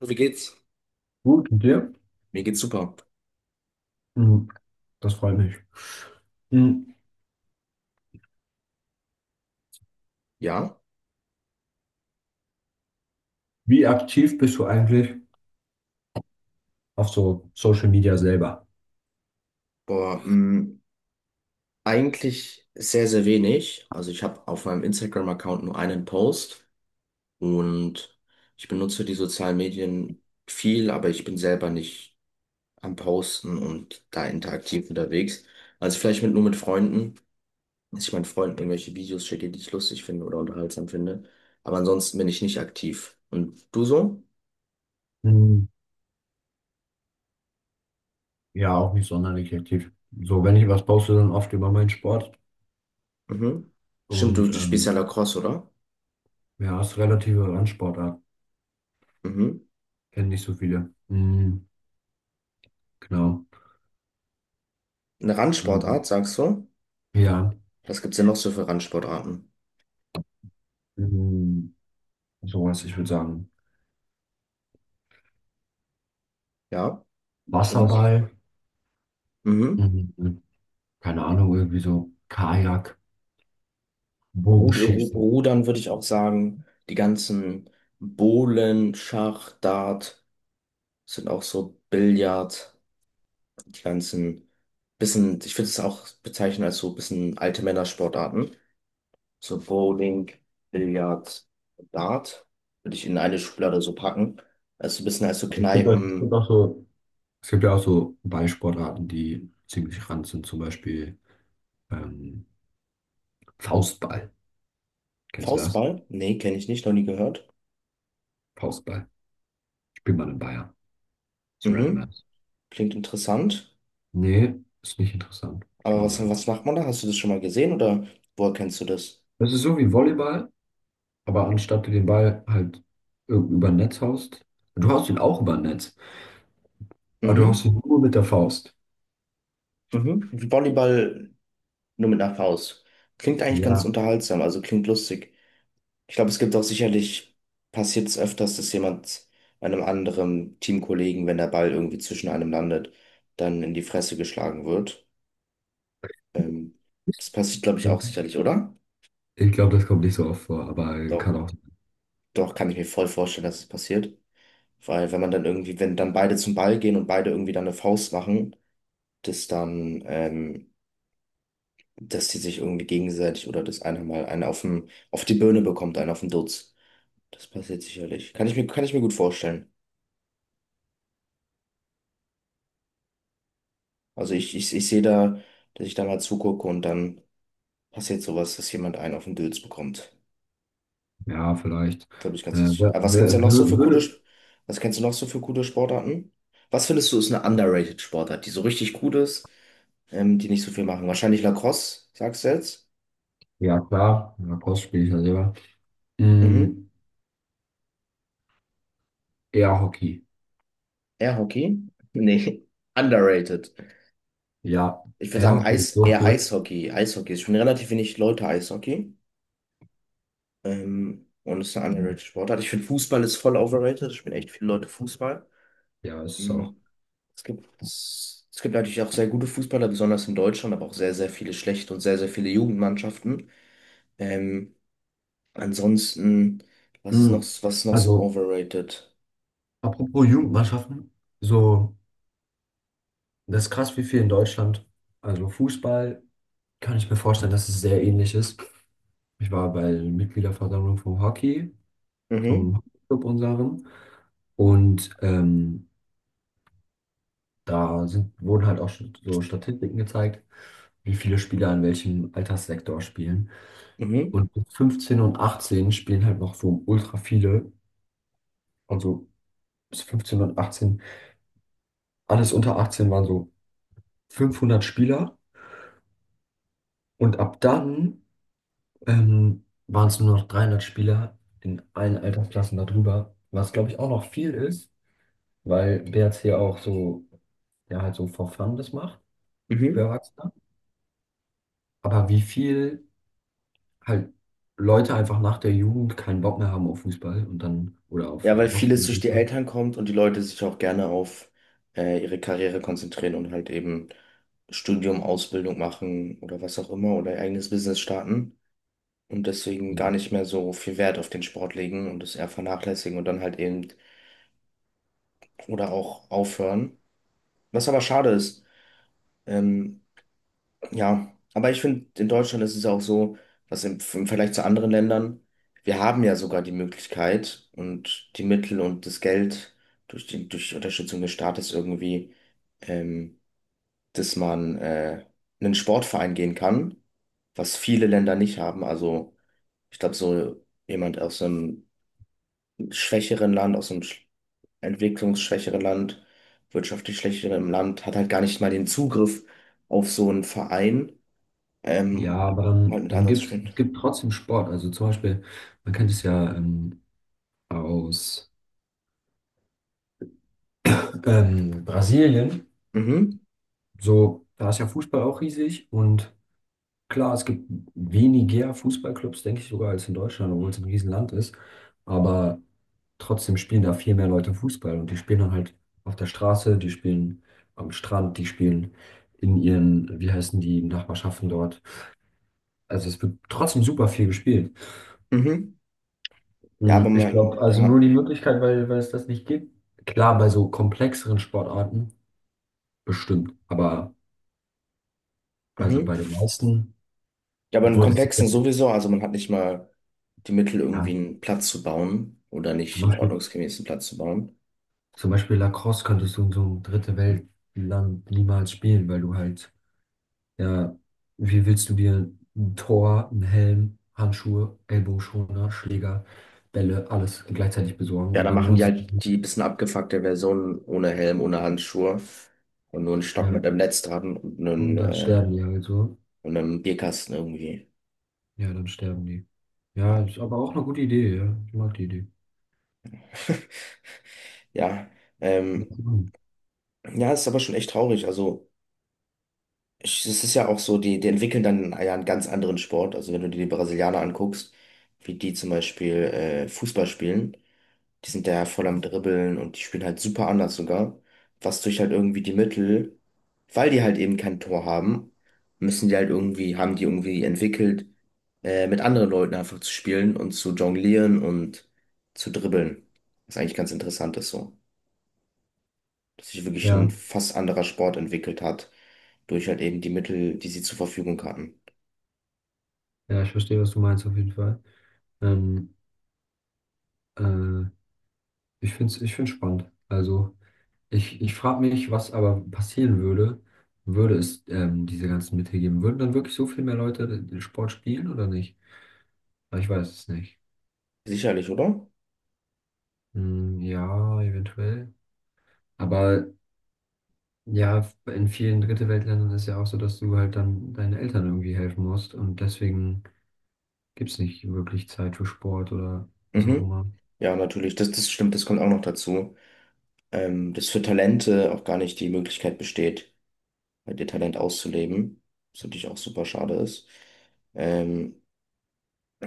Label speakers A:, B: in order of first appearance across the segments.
A: Wie geht's?
B: Gut, und dir?
A: Mir geht's super.
B: Mhm, Das freut mich. Mhm.
A: Ja,
B: Wie aktiv bist du eigentlich auf so Social Media selber?
A: boah, mh, Eigentlich sehr, sehr wenig. Also ich habe auf meinem Instagram-Account nur einen Post und ich benutze die sozialen Medien viel, aber ich bin selber nicht am Posten und da interaktiv unterwegs. Also vielleicht nur mit Freunden, dass ich meinen Freunden irgendwelche Videos schicke, die ich lustig finde oder unterhaltsam finde. Aber ansonsten bin ich nicht aktiv. Und du so?
B: Mhm. Ja, auch nicht sonderlich aktiv. So, wenn ich was poste, dann oft über meinen Sport.
A: Mhm. Stimmt,
B: Und
A: du spielst ja Lacrosse, oder?
B: ja, es ist relative Randsportart.
A: Mhm.
B: Kennen nicht so viele. Mhm, genau.
A: Eine
B: Also,
A: Randsportart, sagst du?
B: ja,
A: Was gibt's denn noch so für Randsportarten?
B: mhm, sowas, ich würde sagen.
A: Ja, sowas.
B: Wasserball,
A: Mhm.
B: mhm, keine Ahnung, irgendwie so Kajak, Bogenschießen.
A: Rudern würde ich auch sagen. Die ganzen Bohlen, Schach, Dart sind auch so Billard. Die ganzen bisschen, ich würde es auch bezeichnen als so bisschen alte Männersportarten. So Bowling, Billard, Dart würde ich in eine Schublade so packen. Also ein bisschen als so
B: Es gibt, auch- es
A: Kneipen.
B: gibt auch so Es gibt ja auch so Ballsportarten, die ziemlich ran sind, zum Beispiel ähm, Faustball. Kennst du das?
A: Faustball? Nee, kenne ich nicht, noch nie gehört.
B: Faustball. Spielt man in Bayern. Ist random
A: Mhm.
B: ass.
A: Klingt interessant.
B: Nee, ist nicht interessant. Ist
A: Aber
B: langweilig.
A: was macht man da? Hast du das schon mal gesehen oder woher kennst du das?
B: Das ist so wie Volleyball, aber anstatt du den Ball halt über ein Netz haust, du haust ihn auch über ein Netz, aber du haust
A: Mhm.
B: ihn nur mit der Faust.
A: Mhm. Wie Volleyball nur mit einer Faust. Klingt eigentlich ganz
B: Ja,
A: unterhaltsam, also klingt lustig. Ich glaube, es gibt auch sicherlich, passiert es öfters, dass jemand einem anderen Teamkollegen, wenn der Ball irgendwie zwischen einem landet, dann in die Fresse geschlagen wird. Ähm, Das passiert, glaube ich, auch sicherlich, oder?
B: ich glaube, das kommt nicht so oft vor, aber
A: Doch,
B: kann auch,
A: doch, kann ich mir voll vorstellen, dass es passiert. Weil wenn man dann irgendwie, wenn dann beide zum Ball gehen und beide irgendwie dann eine Faust machen, das dann dass die sich irgendwie gegenseitig oder dass einer mal einen auf den, auf die Birne bekommt, einen auf den Dutz. Das passiert sicherlich. Kann ich mir gut vorstellen. Also ich sehe da, dass ich da mal zugucke und dann passiert sowas, dass jemand einen auf den Dutz bekommt.
B: ja, vielleicht.
A: Glaube ich ganz
B: Äh,
A: sicher.
B: wer,
A: Aber was gibt's
B: wer,
A: denn noch so für
B: würde,
A: Was kennst du noch so für coole Sportarten? Was findest du ist eine underrated Sportart, die so richtig gut ist, die nicht so viel machen? Wahrscheinlich Lacrosse, sagst du jetzt?
B: ja, klar, ja, Faust spiele ich ja selber.
A: Mhm.
B: Mm, ja, Hockey.
A: Air Hockey? Nee, underrated.
B: Ja,
A: Ich würde
B: ja,
A: sagen,
B: Hockey ist so
A: Eher
B: cool.
A: Eishockey. Eishockey ist schon relativ wenig Leute Eishockey. Und ist eine underrated Sportart. Ich finde, Fußball ist voll overrated. Ich spielen echt viele Leute Fußball.
B: Ja, ist es auch.
A: Mhm. Es gibt natürlich auch sehr gute Fußballer, besonders in Deutschland, aber auch sehr, sehr viele schlechte und sehr, sehr viele Jugendmannschaften. Ähm, ansonsten, Was ist noch,
B: Mm.
A: was ist noch so
B: Also,
A: overrated?
B: apropos Jugendmannschaften, so, das ist krass, wie viel in Deutschland. Also, Fußball kann ich mir vorstellen, dass es sehr ähnlich ist. Ich war bei der Mitgliederversammlung vom Hockey,
A: Mhm,
B: vom Hockeyclub unserem. Und da sind, wurden halt auch so Statistiken gezeigt, wie viele Spieler in welchem Alterssektor spielen.
A: mhm,
B: Und mit 15 und 18 spielen halt noch so ultra viele. Also bis 15 und 18, alles unter 18 waren so 500 Spieler und ab dann waren es nur noch 300 Spieler in allen Altersklassen darüber, was glaube ich auch noch viel ist, weil BRC auch so, ja halt so for fun das macht für
A: mhm.
B: Erwachsene. Aber wie viel halt Leute einfach nach der Jugend keinen Bock mehr haben auf Fußball und dann oder auf
A: Ja, weil
B: Hockey
A: vieles
B: und
A: durch die
B: Fußball.
A: Eltern kommt und die Leute sich auch gerne auf ihre Karriere konzentrieren und halt eben Studium, Ausbildung machen oder was auch immer oder ihr eigenes Business starten und deswegen gar nicht mehr so viel Wert auf den Sport legen und es eher vernachlässigen und dann halt eben oder auch aufhören. Was aber schade ist. ähm, Ja, aber ich finde, in Deutschland ist es auch so, dass im Vergleich zu anderen Ländern, wir haben ja sogar die Möglichkeit und die Mittel und das Geld durch durch die Unterstützung des Staates irgendwie, ähm, dass man in einen Sportverein gehen kann, was viele Länder nicht haben. Also ich glaube, so jemand aus einem schwächeren Land, entwicklungsschwächeren Land, wirtschaftlich schwächeren Land, hat halt gar nicht mal den Zugriff auf so einen Verein
B: Ja,
A: ähm,
B: aber
A: um halt
B: dann,
A: mit
B: dann
A: anderen zu
B: gibt es
A: spielen.
B: gibt trotzdem Sport. Also zum Beispiel, man kennt es ja aus Brasilien,
A: Mhm.
B: so, da ist ja Fußball auch riesig und klar, es gibt weniger Fußballclubs, denke ich sogar, als in Deutschland, obwohl es ein Riesenland ist. Aber trotzdem spielen da viel mehr Leute Fußball und die spielen dann halt auf der Straße, die spielen am Strand, die spielen in ihren, wie heißen die, Nachbarschaften dort. Also es wird trotzdem super viel gespielt.
A: Mhm. Ja, aber
B: Ich glaube,
A: man,
B: also
A: ja.
B: nur die Möglichkeit, weil es das nicht gibt. Klar, bei so komplexeren Sportarten bestimmt, aber also
A: Mhm.
B: bei den meisten.
A: Ja, aber in
B: Obwohl, das ist ja,
A: Komplexen sowieso, also man hat nicht mal die Mittel, irgendwie
B: ja,
A: einen Platz zu bauen oder nicht
B: zum
A: einen
B: Beispiel,
A: ordnungsgemäßen Platz zu bauen.
B: zum Beispiel Lacrosse könntest du in so einem dritte Weltland niemals spielen, weil du halt, ja, wie willst du dir ein Tor, einen Helm, Handschuhe, Ellbogenschoner, Schläger, Bälle, alles gleichzeitig besorgen
A: Ja,
B: und
A: dann
B: dann
A: machen
B: lohnt
A: die
B: es sich
A: halt
B: nicht.
A: die bisschen abgefuckte Version ohne Helm, ohne Handschuhe und nur einen Stock
B: Ja,
A: mit einem Netz dran und
B: und dann sterben die halt so.
A: und einem Bierkasten irgendwie.
B: Ja, dann sterben die. Ja,
A: Ja.
B: ist aber auch eine gute Idee, ja. Ich mag die Idee.
A: Ja, ähm, ja, ist aber schon echt traurig. Also. Es ist ja auch so, die entwickeln dann ja einen ganz anderen Sport. Also wenn du dir die Brasilianer anguckst, wie die zum Beispiel Fußball spielen, die sind da ja voll am Dribbeln und die spielen halt super anders sogar. Was durch halt irgendwie die Mittel, weil die halt eben kein Tor haben, müssen die halt irgendwie, haben die irgendwie entwickelt, mit anderen Leuten einfach zu spielen und zu jonglieren und zu dribbeln. Was eigentlich ganz interessant ist so, dass sich wirklich ein
B: Ja,
A: fast anderer Sport entwickelt hat, durch halt eben die Mittel, die sie zur Verfügung hatten.
B: ja, ich verstehe, was du meinst auf jeden Fall. Ähm, äh, ich finde es ich find's spannend. Also. Ich frage mich, was aber passieren würde, würde es diese ganzen Mittel geben. Würden dann wirklich so viel mehr Leute den Sport spielen oder nicht? Aber ich weiß es nicht.
A: Sicherlich, oder?
B: Hm, ja, eventuell. Aber ja, in vielen Dritte-Welt-Ländern ist ja auch so, dass du halt dann deinen Eltern irgendwie helfen musst und deswegen gibt es nicht wirklich Zeit für Sport oder was auch
A: Mhm.
B: immer.
A: Ja, natürlich, das stimmt, das kommt auch noch dazu, dass für Talente auch gar nicht die Möglichkeit besteht, halt ihr Talent auszuleben, was natürlich auch super schade ist. Ähm,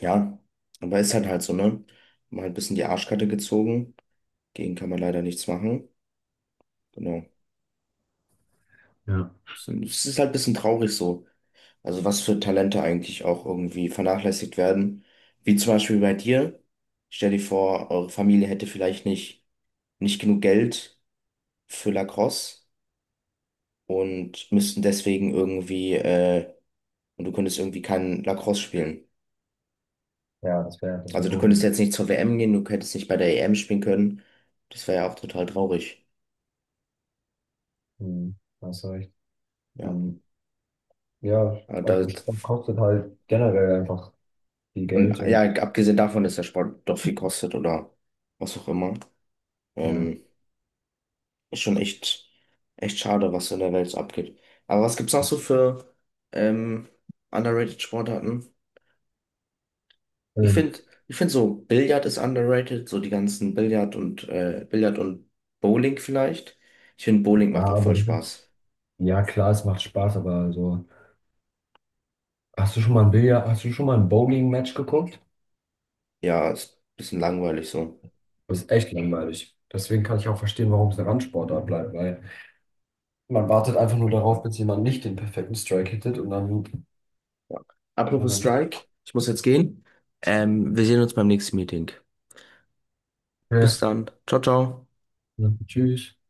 A: ja, aber ist halt halt so, ne? Mal ein bisschen die Arschkarte gezogen, gegen kann man leider nichts machen. Genau.
B: Ja.
A: Es ist halt ein bisschen traurig so. Also was für Talente eigentlich auch irgendwie vernachlässigt werden. Wie zum Beispiel bei dir. Stell dir vor, eure Familie hätte vielleicht nicht, nicht genug Geld für Lacrosse und müssten deswegen irgendwie, und du könntest irgendwie kein Lacrosse spielen.
B: Ja, das wär
A: Also du könntest
B: gut.
A: jetzt nicht zur WM gehen, du hättest nicht bei der EM spielen können. Das wäre ja auch total traurig.
B: Hm, Da hast du recht.
A: Ja.
B: Ähm, ja,
A: Aber Da,
B: also Sport kostet halt generell einfach viel
A: und
B: Geld
A: ja,
B: und
A: abgesehen davon, dass der Sport doch viel kostet oder was auch immer.
B: ja.
A: Ähm, Ist schon echt, echt schade, was so in der Welt so abgeht. Aber was gibt's noch so für ähm, underrated Sportarten? Ich
B: Ähm,
A: finde, ich find so Billard ist underrated, so die ganzen Billard und Bowling vielleicht. Ich finde, Bowling
B: ja,
A: macht auch
B: aber
A: voll Spaß.
B: ja klar, es macht Spaß, aber also, hast du schon mal ein Bowling-Match geguckt?
A: Ja, ist ein bisschen langweilig so.
B: Das ist echt langweilig. Deswegen kann ich auch verstehen, warum es eine Randsportart bleibt, weil man wartet einfach nur darauf, bis jemand nicht den perfekten Strike hittet und dann,
A: Ja.
B: ja,
A: Apropos
B: man,
A: Strike, ich muss jetzt gehen. Wir sehen uns beim nächsten Meeting.
B: ja,
A: Bis dann. Ciao, ciao.
B: ja, tschüss.